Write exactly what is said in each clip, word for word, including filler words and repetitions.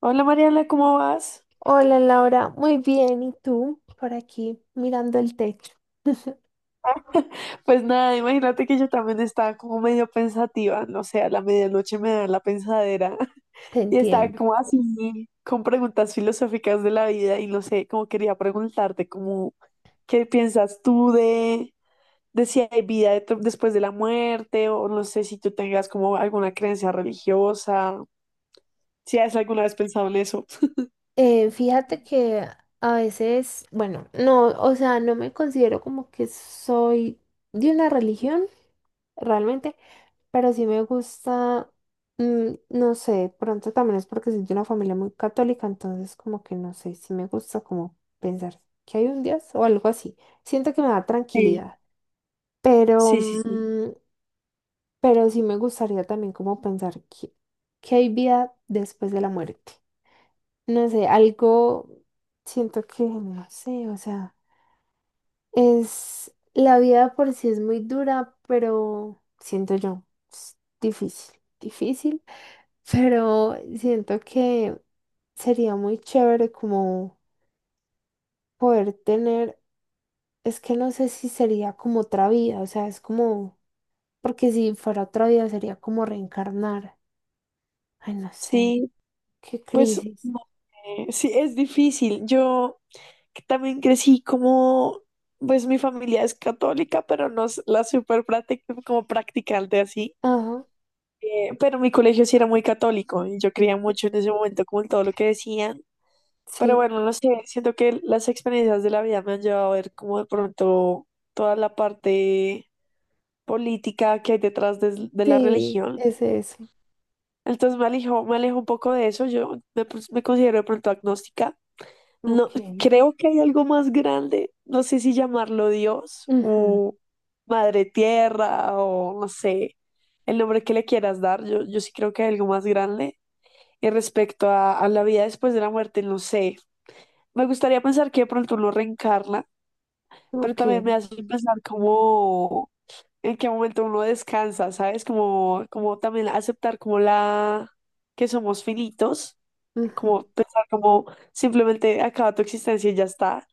Hola Mariana, ¿cómo vas? Hola Laura, muy bien. ¿Y tú? Por aquí mirando el techo. Pues nada, imagínate que yo también estaba como medio pensativa, no sé, a la medianoche me da la pensadera. Te Y estaba entiendo. como así con preguntas filosóficas de la vida y no sé, como quería preguntarte como qué piensas tú de, de si hay vida detr- después de la muerte o no sé si tú tengas como alguna creencia religiosa, si has alguna vez pensado en eso. Eh, fíjate que a veces, bueno, no, o sea, no me considero como que soy de una religión realmente, pero sí me gusta, mm, no sé, de pronto también es porque soy de una familia muy católica, entonces como que no sé, sí me gusta como pensar que hay un Dios o algo así. Siento que me da Sí, tranquilidad. Pero, sí, sí, sí. mm, Pero sí me gustaría también como pensar que, que hay vida después de la muerte. No sé, algo siento que, no sé, o sea, es la vida por sí es muy dura, pero siento yo, es difícil, difícil, pero siento que sería muy chévere como poder tener, es que no sé si sería como otra vida, o sea, es como, porque si fuera otra vida sería como reencarnar. Ay, no sé. Sí, ¿Qué pues crisis? no, eh, sí, es difícil. Yo que también crecí como, pues mi familia es católica, pero no es la super práctica, como practicante así. Ajá. Eh, pero mi colegio sí era muy católico y yo creía ok, mucho en ese momento como en todo lo que decían. Pero Sí, bueno, no sé, siento que las experiencias de la vida me han llevado a ver como de pronto toda la parte política que hay detrás de, de, la sí, religión. es eso. Entonces me alejo, me alejo un poco de eso. Yo me, pues, me considero de pronto agnóstica. No, Ok. creo que hay algo más grande, no sé si llamarlo Dios ujú, o Madre Tierra o no sé, el nombre que le quieras dar, yo, yo, sí creo que hay algo más grande. Y respecto a, a la vida después de la muerte, no sé, me gustaría pensar que de pronto uno reencarna, pero también Ok. me hace pensar como en qué momento uno descansa, ¿sabes? Como, como también aceptar como la que somos finitos, ujú, como pensar como simplemente acaba tu existencia y ya está.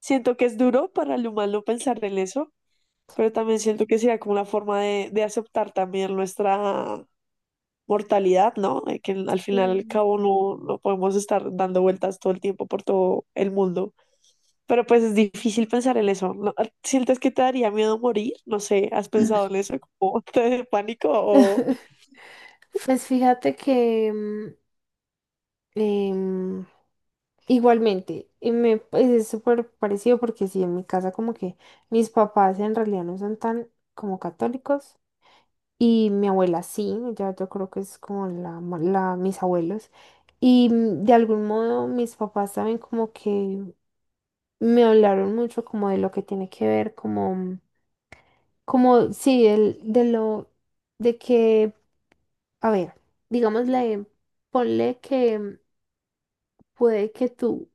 Siento que es duro para el humano pensar en eso, pero también siento que sería como una forma de, de aceptar también nuestra mortalidad, ¿no? Eh, Que al final y al sí. cabo no, no podemos estar dando vueltas todo el tiempo por todo el mundo. Pero pues es difícil pensar en eso, ¿no? ¿Sientes que te daría miedo morir? No sé, ¿has pensado en eso? ¿Como te de pánico o? Pues fíjate que mm, em, igualmente, y me pues, es súper parecido porque sí, en mi casa como que mis papás en realidad no son tan como católicos y mi abuela sí, ya yo creo que es como la, ma- la mis abuelos y mm, de algún modo mis papás saben como que me hablaron mucho como de lo que tiene que ver, como, como, sí, el, de lo, de que, a ver, digamos digámosle, ponle que puede que tú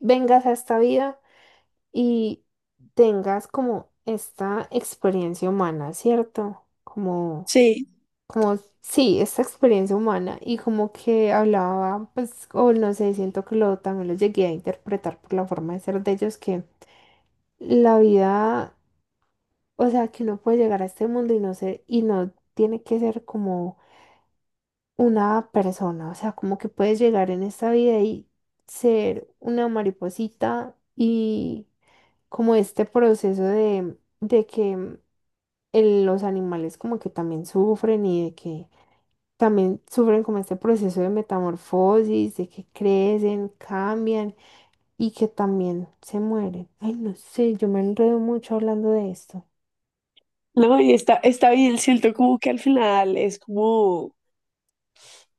vengas a esta vida y tengas como esta experiencia humana, ¿cierto? Como, Sí, como, Sí, esta experiencia humana y como que hablaba, pues, o no sé, siento que lo, también lo llegué a interpretar por la forma de ser de ellos que la vida... O sea, que uno puede llegar a este mundo y no ser, y no tiene que ser como una persona. O sea, como que puedes llegar en esta vida y ser una mariposita y como este proceso de, de que el- los animales como que también sufren y de que también sufren como este proceso de metamorfosis, de que crecen, cambian y que también se mueren. Ay, no sé, yo me enredo mucho hablando de esto. no, y está, está bien, siento como que al final es como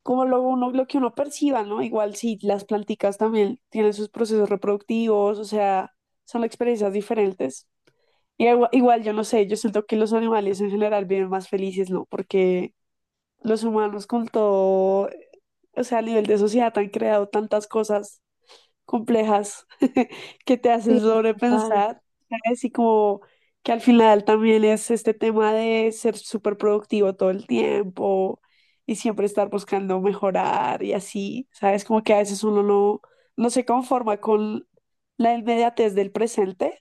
como lo, uno, lo que uno perciba, ¿no? Igual sí, las planticas también tienen sus procesos reproductivos, o sea, son experiencias diferentes. Y igua- igual, yo no sé, yo siento que los animales en general viven más felices, ¿no? Porque los humanos con todo, o sea, a nivel de sociedad han creado tantas cosas complejas que te Sí, hacen total. sobrepensar, ¿sabes? Y como que al final también es este tema de ser súper productivo todo el tiempo y siempre estar buscando mejorar y así, ¿sabes? Como que a veces uno no, no se conforma con la inmediatez del presente,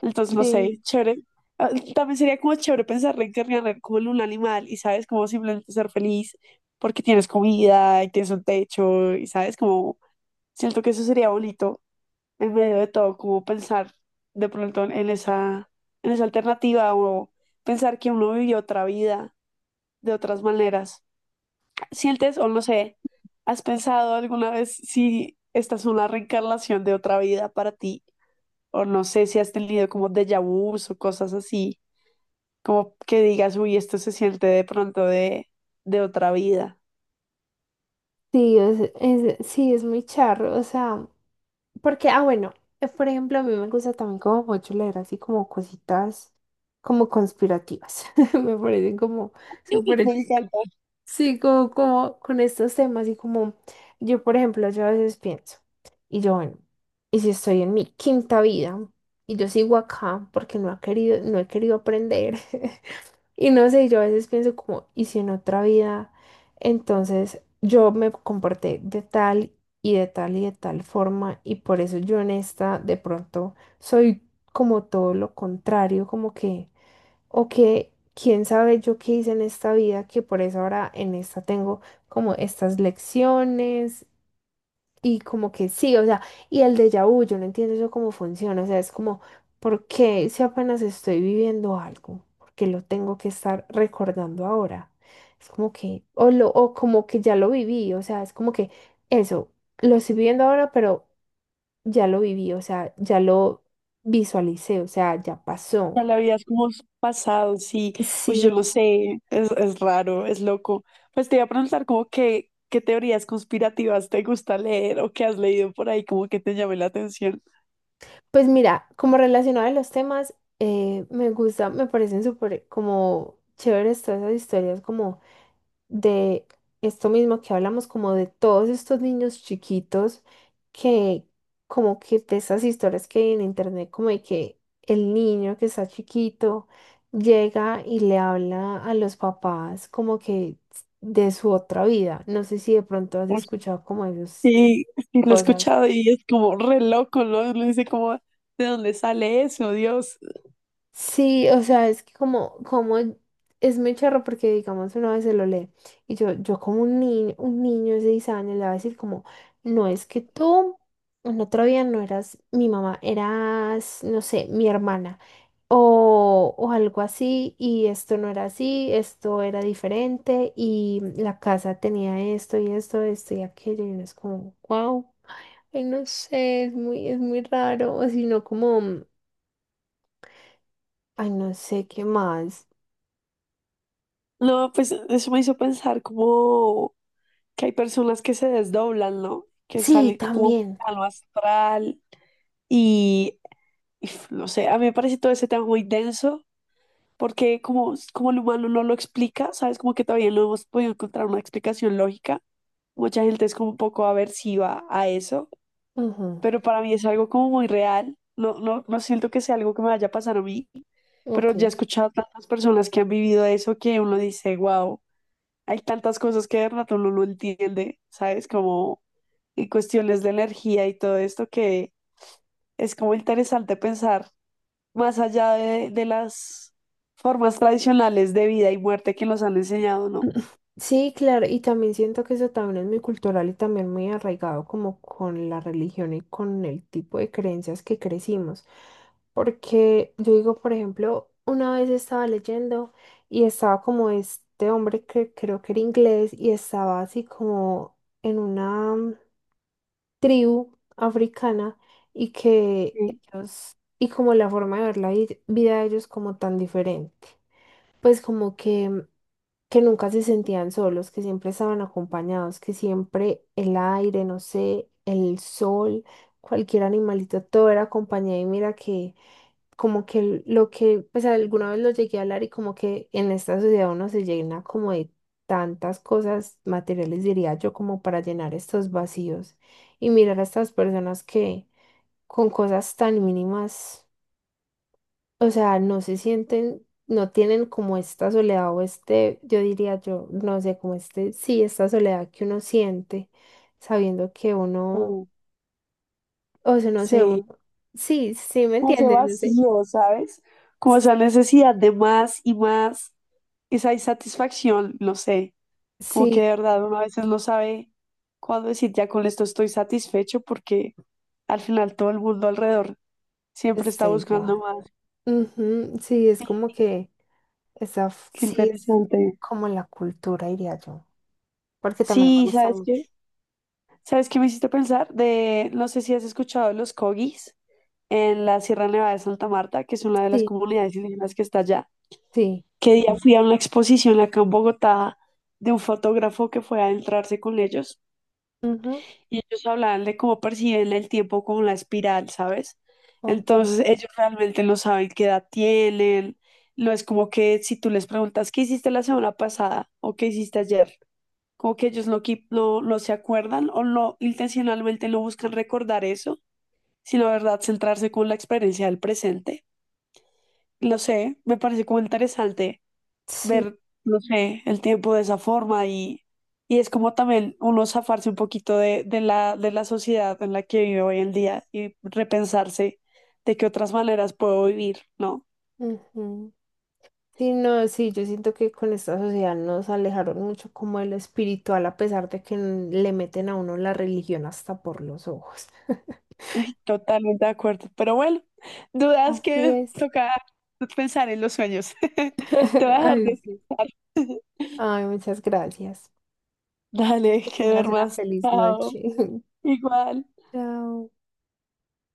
entonces no Sí, sé, chévere. Ah, también sería como chévere pensar reencarnar como en un animal y, ¿sabes? Como simplemente ser feliz porque tienes comida y tienes un techo y, ¿sabes? Como siento que eso sería bonito en medio de todo, como pensar de pronto en esa, en esa, alternativa o pensar que uno vivió otra vida de otras maneras. ¿Sientes o no sé, has pensado alguna vez si esta es una reencarnación de otra vida para ti? O no sé si has tenido como déjà vus o cosas así, como que digas, uy, esto se siente de pronto de, de, otra vida. sí, es, es- sí, es muy charro, o sea, porque, ah, bueno, eh, por ejemplo, a mí me gusta también como mucho leer así como cositas como conspirativas, me parecen como súper, Me ch- encanta. sí, como, como con estos temas y como yo, por ejemplo, yo a veces pienso, y yo, bueno, y si estoy en mi quinta vida y yo sigo acá porque no ha querido, no he querido aprender. Y no sé, yo a veces pienso como, ¿y si en otra vida? Entonces yo me comporté de tal y de tal y de tal forma y por eso yo en esta de pronto soy como todo lo contrario, como que, o que, quién sabe yo qué hice en esta vida, que por eso ahora en esta tengo como estas lecciones y como que sí, o sea, y el déjà vu, yo no entiendo eso cómo funciona, o sea, es como, ¿por qué si apenas estoy viviendo algo? ¿Por qué lo tengo que estar recordando ahora? Es como que, o, lo, o como que ya lo viví, o sea, es como que eso, lo estoy viviendo ahora, pero ya lo viví, o sea, ya lo visualicé, o sea, ya pasó. Ya la vida es como s- pasado, sí. Pues yo Sí, lo sé, es, es raro, es loco. Pues te iba a preguntar como que, qué teorías conspirativas te gusta leer o que has leído por ahí como que te llame la atención. pues mira, como relacionado a los temas, eh, me gusta, me parecen súper como chéveres todas esas historias como de esto mismo que hablamos, como de todos estos niños chiquitos que como que de esas historias que hay en internet, como de que el niño que está chiquito llega y le habla a los papás como que de su otra vida. No sé si de pronto has Uy, escuchado como esas sí, sí, lo he cosas. escuchado y es como re loco, ¿no? Uno dice como, ¿de dónde sale eso, Dios? Sí, o sea, es que como, como es muy charro porque digamos una vez se lo lee y yo, yo como un niño, un niño de seis años le va a decir como, no es que tú en otro día no eras mi mamá, eras, no sé, mi hermana o, o algo así y esto no era así, esto era diferente y la casa tenía esto y esto, esto y aquello y uno es como, wow, ay no sé, es muy, es muy raro, o si no como, ay no sé qué más. No, pues eso me hizo pensar como que hay personas que se desdoblan, ¿no? Que Sí, salen como un también. plano astral y, y no sé, a mí me parece todo ese tema muy denso porque como, como el humano no lo explica, ¿sabes? Como que todavía no hemos podido encontrar una explicación lógica. Mucha gente es como un poco aversiva a eso, Ujú. pero para mí es algo como muy real. No, no, no siento que sea algo que me vaya a pasar a mí, Ok. pero ya he escuchado tantas personas que han vivido eso que uno dice, wow, hay tantas cosas que de rato uno no entiende, ¿sabes? Como en cuestiones de energía y todo esto que es como interesante pensar más allá de, de las formas tradicionales de vida y muerte que nos han enseñado, ¿no? Sí, claro, y también siento que eso también es muy cultural y también muy arraigado como con la religión y con el tipo de creencias que crecimos. Porque yo digo, por ejemplo, una vez estaba leyendo y estaba como este hombre que creo que era inglés y estaba así como en una mm, tribu africana y que Sí, ellos, y como la forma de ver la vid- vida de ellos como tan diferente. Pues como que, que nunca se sentían solos, que siempre estaban acompañados, que siempre el aire, no sé, el sol, cualquier animalito, todo era compañía y mira que como que lo que, pues alguna vez lo llegué a hablar y como que en esta sociedad uno se llena como de tantas cosas materiales, diría yo, como para llenar estos vacíos y mirar a estas personas que con cosas tan mínimas, o sea, no se sienten, no tienen como esta soledad o este, yo diría yo, no sé, como este, sí, esta soledad que uno siente sabiendo que uno, como- o sea, no sé, sí, uno, sí, sí, ¿me como ese entiendes? No sé. vacío, ¿sabes? Como esa necesidad de más y más, esa insatisfacción, no sé, como que de Sí, verdad uno a veces no sabe cuándo decir ya con esto estoy satisfecho porque al final todo el mundo alrededor siempre está está buscando igual. más. Ujú, sí, es como que esa, f- Qué sí, es interesante. como la cultura, diría yo, porque también me Sí, gusta ¿sabes mucho. qué? ¿Sabes qué me hiciste pensar? De, no sé si has escuchado de los corgis en la Sierra Nevada de Santa Marta, que es una de las Sí. comunidades indígenas que está allá. Sí. Que día fui a una exposición acá en Bogotá de un fotógrafo que fue a adentrarse con ellos Ujú. y ellos hablaban de cómo perciben el tiempo como la espiral, ¿sabes? Ok. Entonces ellos realmente no saben qué edad tienen, no es como que si tú les preguntas qué hiciste la semana pasada o qué hiciste ayer, como que ellos no, qui- no, no se acuerdan o no intencionalmente no buscan recordar eso, sino, ¿verdad?, centrarse con la experiencia del presente. Lo sé, me parece como interesante Sí. ver, no sé, el tiempo de esa forma y, y es como también uno zafarse un poquito de, de la, de la sociedad en la que vive hoy en día y repensarse de qué otras maneras puedo vivir, ¿no? Ujú. Sí, no, sí, yo siento que con esta sociedad nos alejaron mucho como de lo espiritual, a pesar de que n- le meten a uno la religión hasta por los ojos. Ay, totalmente de acuerdo. Pero bueno, dudas Así que es. toca pensar en los sueños. Te voy a dejar Ay, sí. descansar. Ay, muchas gracias. Dale, Que que tengas una duermas. feliz Chao. noche. Igual. Chao.